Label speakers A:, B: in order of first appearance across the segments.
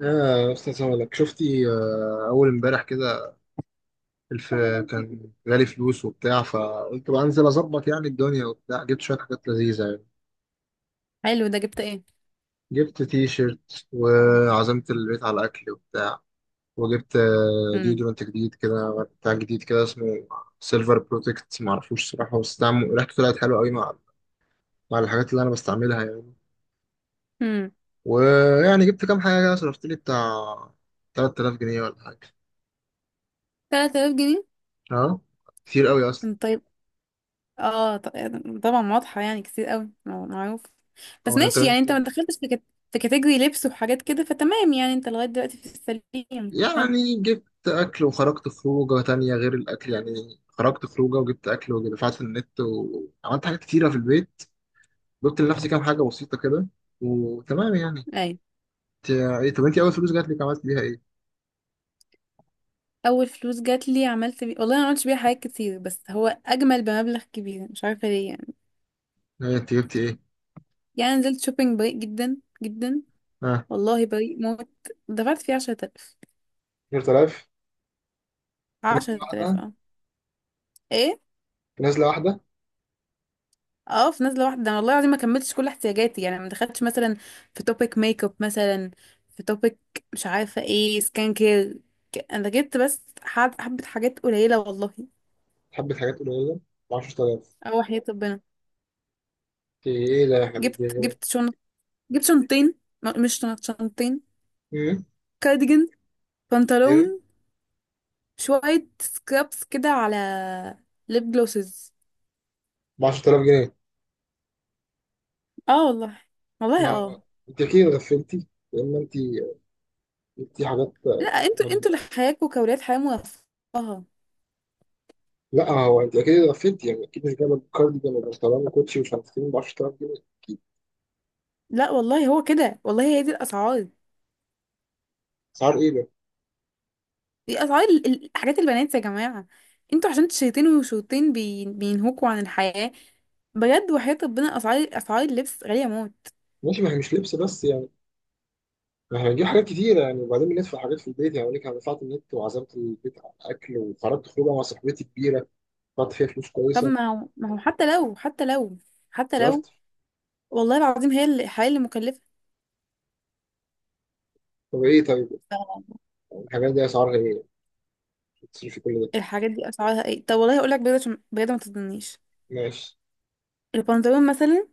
A: يا استاذ، هقولك. شفتي؟ اول امبارح كده الف، كان جالي فلوس وبتاع، فقلت بقى انزل اظبط يعني الدنيا وبتاع. جبت شويه حاجات لذيذه يعني،
B: حلو ده جبت ايه.
A: جبت تي شيرت وعزمت البيت على اكل وبتاع. وجبت
B: امم
A: ديودرنت جديد كده، بتاع جديد كده، اسمه سيلفر بروتكت، معرفوش صراحه، بس طعمه ريحته طلعت حلوه قوي مع الحاجات اللي انا بستعملها يعني.
B: امم
A: ويعني جبت كام حاجه كده، صرفت لي بتاع 3000 جنيه ولا حاجه.
B: 3000 جنيه.
A: اه، كتير قوي اصلا.
B: أم طيب. اه ط- طبعا واضحة يعني، كتير قوي، معروف بس
A: هو انت
B: ماشي يعني،
A: انت
B: انت ما دخلتش في في كاتيجوري لبس وحاجات كده، فتمام يعني انت لغاية دلوقتي في السليم. حلو.
A: يعني جبت أكل، وخرجت خروجة تانية غير الأكل، يعني خرجت خروجة وجبت أكل، ودفعت في النت، وعملت حاجات كتيرة في البيت، جبت لنفسي كام حاجة بسيطة كده، وتمام يعني.
B: اي.
A: انت- إيه، طب أنت أول فلوس جات لك عملت بيها إيه؟
B: اول فلوس جات لي عملت والله انا ما عملتش بيها حاجات كتير، بس هو اجمل بمبلغ كبير، مش عارفة ليه يعني.
A: إيه، أنت جبتي إيه؟
B: يعني نزلت شوبينج بريء جدا جدا.
A: ها.
B: والله بريء موت. دفعت فيه 10000.
A: 10000؟ في نزلة
B: 10000
A: واحدة؟
B: اه. ايه.
A: في نزلة واحدة.
B: اه في نزله واحده، انا والله العظيم ما كملتش كل احتياجاتي، يعني ما دخلتش مثلا في توبيك ميك اب مثلا، في توبيك، مش عارفه ايه سكان كير. انا جبت بس حبه حاجات قليله والله.
A: حبة حاجات قليلة ب 10000؟
B: اه وحياة ربنا.
A: إنت إيه ده يا حبيبتي
B: جبت
A: غير؟
B: جبت شنط. جبت شنطين. مش شنط، شنطين.
A: إيه؟
B: كارديجان،
A: إيه؟
B: بنطلون، شويه سكرابس كده، على ليب جلوسز.
A: ب 10000 جنيه؟
B: اه والله.
A: ما
B: والله
A: هو
B: اه.
A: أنت أكيد غفلتي، لأن أنت جبتي حاجات
B: لا انتوا
A: غريبة.
B: انتوا اللي حياتكم كولاد، حياه مرفهه.
A: لا، هو انت اكيد اتغفلت يعني، اكيد مش جايبه كاردي جنب، مش طالما كوتشي ومش عارف ايه ب 10000 جنيه. اكيد.
B: لا والله هو كده، والله هي دي الاسعار.
A: اسعار ايه ده؟
B: دي اسعار حاجات البنات يا جماعه. انتوا عشان شيطين وشوطين بينهوكوا عن الحياه. بجد وحياة ربنا، اسعار، اسعار اللبس غاليه موت.
A: ماشي، ما هي مش لبس بس يعني، ما احنا هنجيب حاجات كتيره يعني، وبعدين بندفع حاجات في البيت يعني. انا دفعت النت، وعزمت البيت على الاكل، وخرجت خروجه مع صاحبتي كبيره، دفعت فيها فلوس
B: طب
A: كويسه،
B: ما هو حتى لو، حتى لو، حتى لو
A: صرفت.
B: والله العظيم هي الحياه اللي مكلفه.
A: طب ايه، طيب، يعني الحاجات دي اسعارها ايه؟ تصرفي كل ده؟
B: الحاجات دي اسعارها ايه؟ طب والله هقول لك بجد، عشان بجد ما تظنيش.
A: ماشي.
B: البنطلون مثلا.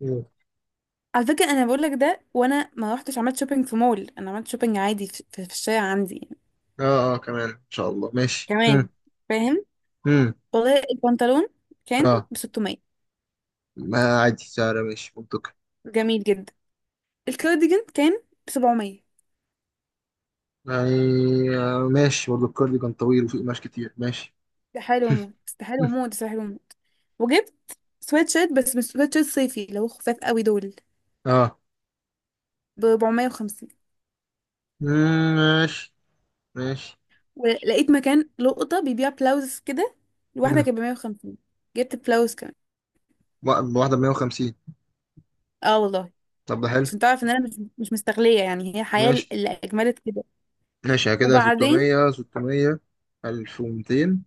A: مم.
B: على فكره انا بقول لك ده وانا ما رحتش عملت شوبينج في مول، انا عملت شوبينج عادي في الشارع عندي يعني.
A: اه اه، كمان ان شاء الله ماشي. مم.
B: كمان. فاهم.
A: مم.
B: والله البنطلون كان
A: اه.
B: ب 600.
A: ما عادي سعر، ماشي منطقي
B: جميل جدا. الكارديجان كان ب 700.
A: يعني. آه، ماشي برضه، الكارديجان طويل وفيه قماش كتير، ماشي.
B: استحالة وموت، استحالة وموت، استحالة وموت. وجبت سويت شيرت، بس مش سويت شيرت صيفي اللي هو خفاف قوي دول،
A: اه.
B: ب 450.
A: مم، ماشي. ماشي.
B: ولقيت مكان لقطة بيبيع بلاوز كده، الواحدة
A: مم.
B: كانت ب 150. جبت بلاوز كمان.
A: واحدة ب 150؟
B: اه والله.
A: طب ده حلو.
B: عشان تعرف ان انا مش مستغلية يعني، هي حياة
A: ماشي
B: اللي اجملت كده.
A: ماشي، يعني كده
B: وبعدين
A: 600 600 1200،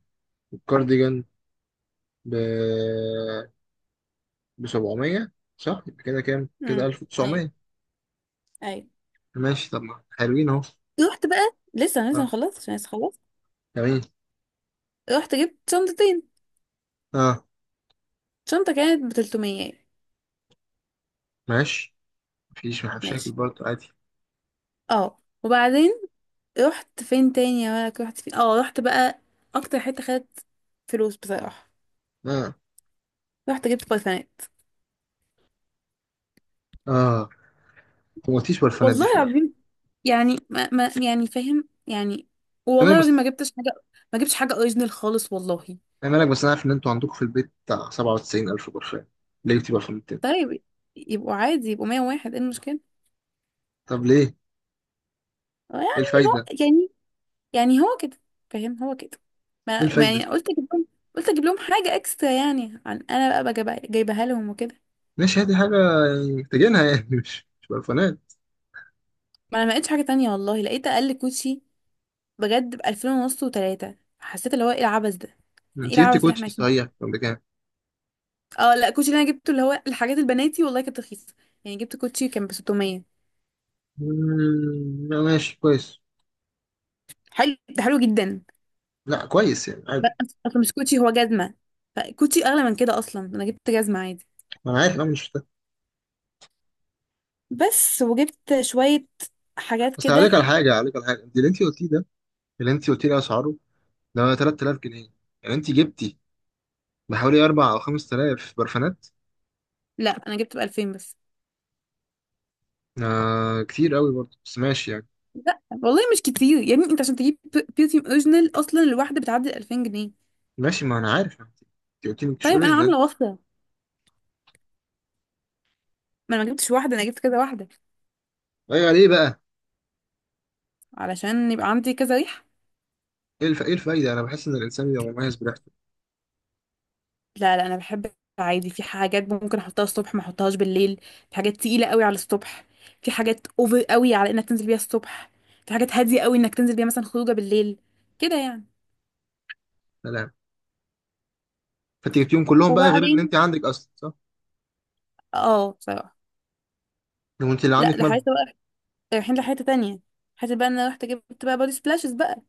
A: والكارديجان ب 700، صح؟ يبقى كده كام، كده
B: امم. ايوه.
A: 1900.
B: ايوه.
A: ماشي، طب ما حلوين اهو.
B: رحت بقى، لسه لسه
A: اه،
B: مخلصت عشان لسه خلصت.
A: جميل.
B: رحت جبت شنطتين.
A: اه.
B: شنطة كانت ب 300.
A: ماشي، مفيش مشاكل
B: ماشي.
A: برضه، عادي.
B: اه وبعدين رحت فين تاني يا مالك، رحت فين؟ اه رحت بقى اكتر حته خدت فلوس بصراحه.
A: اه.
B: رحت جبت برفانات.
A: اه، ما قلتيش برفانات
B: والله
A: دي في الاول.
B: العظيم. يعني ما يعني فاهم يعني.
A: انا
B: والله العظيم ما
A: بس،
B: جبتش حاجه. ما جبتش حاجه اوريجينال خالص والله.
A: انا لك بس، انا عارف ان انتوا عندكم في البيت بتاع 97000 برفان. ليه جبتي برفانات تاني؟
B: طيب يبقوا عادي، يبقوا 101، ايه المشكله؟
A: طب ليه؟
B: يعني.
A: ايه
B: هو
A: الفايدة؟
B: يعني، يعني هو كده. فاهم، هو كده.
A: ايه
B: ما
A: الفايدة؟
B: يعني قلت اجيب لهم، قلت اجيب لهم حاجه اكسترا يعني، عن انا بقى جايبها لهم وكده.
A: ماشي، هاتي حاجة يعني محتاجينها، يعني مش برفانات.
B: ما انا ما لقيتش حاجه تانية والله، لقيت اقل كوتشي بجد بألفين ونص وتلاتة، حسيت اللي هو ايه العبث ده؟ ايه
A: انت جبت
B: العبث اللي احنا
A: كوتشي
B: عايشين؟
A: صحيح كان بكام؟
B: اه لا الكوتشي اللي انا جبته اللي هو الحاجات البناتي والله كانت رخيصة. يعني جبت كوتشي كان ب 600.
A: مم، لا، ماشي كويس.
B: حلو ده، حلو جدا.
A: لا كويس يعني، عادي.
B: بس اصلا مش كوتشي، هو جزمة. فكوتشي اغلى من كده، اصلا انا جبت جزمة عادي
A: انا عارف إن انا مش محتاج،
B: بس. وجبت شوية حاجات
A: بس عليك
B: كده.
A: على حاجة، عليك على حاجة انت اللي انت قلتيه ده. اللي انت قلتيه ده اسعاره ده 3000 جنيه، يعني انت جبتي بحوالي 4 او 5000 برفانات.
B: لا انا جبت ب 2000 بس.
A: آه، كتير قوي برضه، بس ماشي يعني.
B: لا والله مش كتير يا ابني، انت عشان تجيب بيرفيوم اوريجينال اصلا الواحدة بتعدي 2000 جنيه.
A: ماشي، ما انا عارف يعني. انت قلتي مش
B: طيب انا
A: اوريجينال.
B: عاملة وصلة. ما انا ما جبتش واحدة، انا جبت كذا واحدة.
A: ايوه، ليه بقى؟
B: علشان يبقى عندي كذا ريحة.
A: ايه الفايدة؟ انا بحس ان الانسان بيبقى مميز بريحته.
B: لا لا انا بحب. عادي في حاجات ممكن احطها الصبح، ما احطهاش بالليل. في حاجات تقيله قوي على الصبح. في حاجات اوفر قوي على انك تنزل بيها الصبح. في حاجات هاديه قوي انك تنزل بيها مثلا خروجه بالليل. كده يعني.
A: سلام. فانت جبتيهم كلهم بقى غير ان انت
B: وبعدين
A: عندك اصلا، صح؟
B: اه بصراحه.
A: لو انت اللي
B: لا
A: عندك
B: ده حاجه
A: مالهم؟
B: بقى، رايحين لحته تانية. حته بقى ان انا رحت جبت بقى بودي سبلاشز بقى.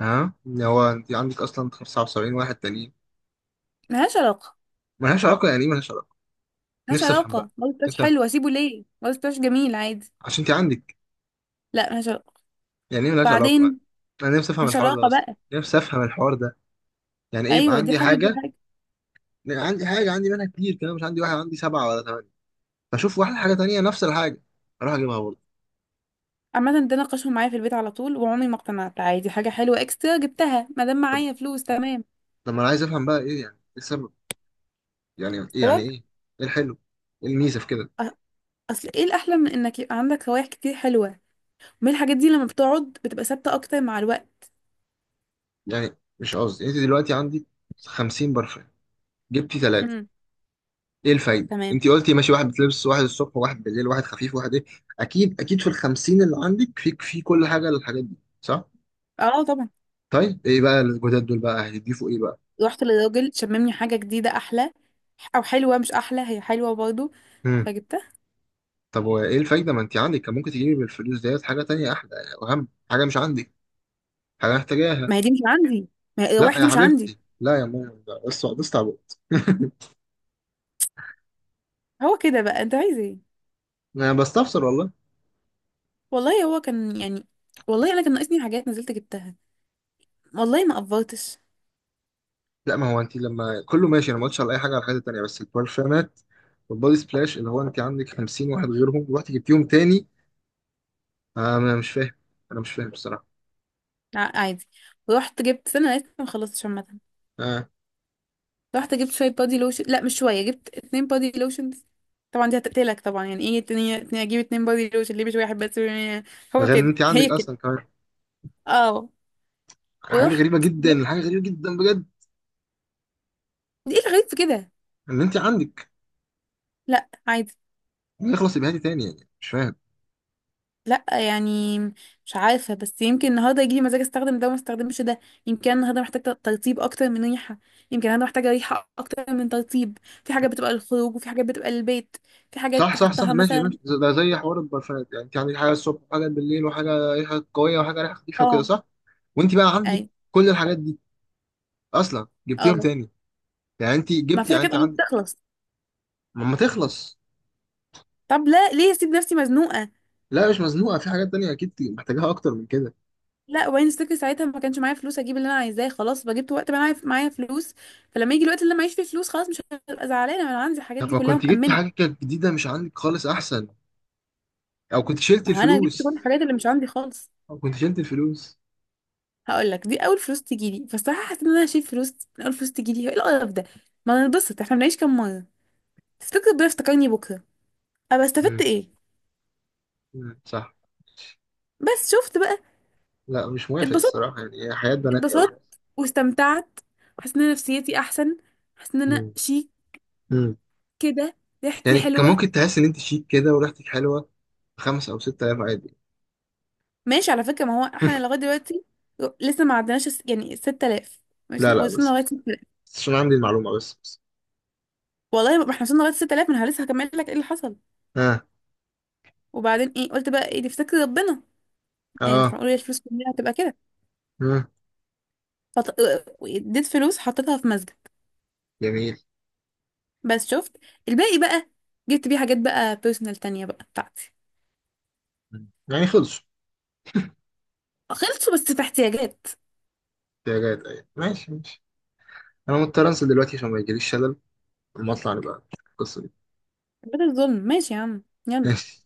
A: ها، اللي هو انت عندك اصلا 75 واحد تانيين.
B: ملهاش علاقه.
A: ملهاش علاقه؟ يعني ايه ملهاش علاقه؟
B: ملهاش
A: نفسي افهم
B: علاقه،
A: بقى،
B: بودي سبلاش
A: نفسي افهم،
B: حلو، اسيبه ليه؟ بودي سبلاش جميل عادي.
A: عشان انت عندك.
B: لا ملهاش علاقه.
A: يعني ايه ملهاش علاقه؟
B: بعدين
A: انا نفسي افهم
B: ملهاش
A: الحوار ده
B: علاقه
A: اصلا،
B: بقى.
A: نفسي افهم الحوار ده. يعني ايه يبقى
B: ايوه، دي
A: عندي
B: حاجه ودي
A: حاجه،
B: حاجه.
A: عندي حاجه عندي منها كتير كمان، مش عندي واحد، عندي سبعه ولا ثمانيه، فاشوف واحده حاجه تانيه نفس الحاجه اروح اجيبها برضه؟
B: عامة ده ناقشهم معايا في البيت على طول وعمري ما اقتنعت، عادي حاجة حلوة اكسترا جبتها ما دام
A: طب
B: معايا فلوس، تمام.
A: طب ما انا عايز افهم بقى، ايه يعني ايه السبب، يعني ايه، يعني ايه،
B: السبب.
A: ايه الحلو، ايه الميزه في كده؟
B: أ- اصل ايه الاحلى من انك يبقى عندك روايح كتير حلوة؟ من الحاجات دي لما بتقعد بتبقى ثابتة اكتر مع الوقت.
A: يعني مش قصدي، انت دلوقتي عندي 50 برفان، جبتي ثلاثه.
B: امم.
A: ايه الفايده؟
B: تمام.
A: انت قلتي ماشي، واحد بتلبس واحد الصبح واحد بالليل واحد خفيف واحد ايه. اكيد اكيد في الخمسين اللي عندك، في كل حاجه للحاجات دي، صح؟
B: اه طبعا.
A: طيب ايه بقى الجداد دول بقى هيضيفوا ايه بقى؟
B: رحت للراجل شممني حاجة جديدة احلى، او حلوة، مش احلى هي حلوة برضو.
A: امم.
B: فجبتها.
A: طب وايه الفايده؟ ما انت عندك، كان ممكن تجيبي بالفلوس ديت حاجه تانية احلى، واهم حاجه مش عندك، حاجه محتاجاها.
B: ما هي دي مش عندي. ما هي
A: لا
B: الروايح
A: يا
B: دي مش عندي.
A: حبيبتي، لا يا ماما، ده بس تعبت.
B: هو كده بقى، انت عايز ايه؟
A: انا بستفسر والله.
B: والله هو كان يعني. والله انا كان ناقصني حاجات نزلت جبتها. والله ما قفرتش.
A: لا، ما هو انت لما كله ماشي انا ما قلتش على اي حاجه، على الحاجات التانيه، بس البرفانات والبودي سبلاش، اللي هو انت عندك 50 واحد غيرهم رحت جبتيهم تاني. انا مش فاهم، انا مش فاهم بصراحه.
B: لا عادي. ورحت جبت، استنى أنا لسه ما خلصتش عامة.
A: اه،
B: رحت جبت شوية بادي لوشن، لا مش شوية، جبت اتنين بادي لوشن. طبعا دي هتقتلك طبعا، يعني ايه اتنين، اتنين اجيب اتنين بادي لوشن ليه مش واحد بس؟
A: ده
B: هو
A: غير ان
B: كده،
A: انت عندك
B: هي كده.
A: اصلا كمان،
B: اه.
A: حاجه غريبه
B: ورحت
A: جدا،
B: جبت.
A: حاجه غريبه جدا بجد.
B: ايه الغريب في كده؟
A: ان انت عندك
B: لا عادي.
A: يخلص يبقى هاتي تاني؟ يعني مش فاهم.
B: لا يعني. مش عارفة بس يمكن النهاردة يجيلي مزاج استخدم ده وما استخدمش ده. يمكن أنا النهاردة محتاجة ترطيب اكتر من ريحة. يمكن النهاردة محتاجة ريحة اكتر من ترطيب. في حاجات بتبقى للخروج وفي حاجات بتبقى للبيت. في حاجات
A: صح صح صح،
B: تحطها
A: ماشي ماشي،
B: مثلا.
A: ده زي حوار البرفانات يعني، انت عندك حاجه الصبح وحاجه بالليل وحاجه ريحه قويه وحاجه ريحه خفيفه وكده،
B: اه.
A: صح؟ وانت بقى عندك
B: اي.
A: كل الحاجات دي اصلا،
B: اه.
A: جبتيهم تاني. يعني انت
B: ما
A: جبتي،
B: في
A: يعني
B: حاجات
A: انت
B: قريب
A: عندك
B: تخلص.
A: ما تخلص.
B: طب لا ليه اسيب نفسي مزنوقه؟
A: لا، مش مزنوقه، في حاجات تانية اكيد محتاجاها اكتر من كده.
B: لا وبعدين افتكر ساعتها ما كانش معايا فلوس اجيب اللي انا عايزاه، خلاص بقى جبت وقت بقى معايا فلوس. فلما يجي الوقت اللي أنا معيش فيه فلوس، خلاص مش هبقى زعلانه، ما انا عندي الحاجات
A: طب
B: دي
A: ما
B: كلها
A: كنت جبتي
B: مأمنه.
A: حاجه كانت جديده مش عندك خالص، احسن. او كنت شلتي
B: ما هو انا جبت كل
A: الفلوس.
B: الحاجات اللي مش عندي خالص.
A: او كنت شلتي الفلوس.
B: هقول لك دي اول فلوس تجي لي، فالصراحه حسيت ان انا هشيل فلوس من اول فلوس تجي لي، ايه القرف ده؟ ما ننبسط، احنا بنعيش كام مره؟ تفتكر ربنا افتكرني بكره، ابقى استفدت
A: مم.
B: ايه؟
A: مم، صح.
B: بس شفت بقى،
A: لا، مش موافق
B: اتبسطت،
A: الصراحة، يعني هي حياة بنات قوي.
B: اتبسطت، واستمتعت. حاسه ان أنا نفسيتي احسن. حاسه ان انا
A: مم.
B: شيك
A: مم.
B: كده، ريحتي
A: يعني كان
B: حلوة.
A: ممكن تحس ان انت شيك كده وريحتك حلوة خمس او ستة ايام، عادي.
B: ماشي على فكرة ما هو احنا لغاية دلوقتي لسه ما عدناش يعني 6000. مش
A: لا لا،
B: وصلنا
A: بس،
B: لغاية 6000.
A: بس عشان عندي المعلومة، بس بس.
B: والله ما احنا وصلنا لغاية 6000، ما انا لسه هكمل لك ايه اللي حصل.
A: اه.
B: وبعدين ايه قلت بقى ايه دي في سكة ربنا، يعني مش
A: اه.
B: معقول الفلوس كلها هتبقى كده.
A: مم.
B: فط... اديت فلوس حطيتها في مسجد.
A: جميل.
B: بس شفت. الباقي بقى جبت بيه حاجات بقى بيرسونال تانية بقى بتاعتي.
A: مم، يعني خلصوا.
B: خلصوا بس في احتياجات.
A: احتياجات، ايوه، ماشي ماشي. انا مضطر انزل دلوقتي عشان ما يجيليش شلل، اما اطلع نبقى القصة دي.
B: ده الظلم ماشي يا عم. يلا.
A: ماشي.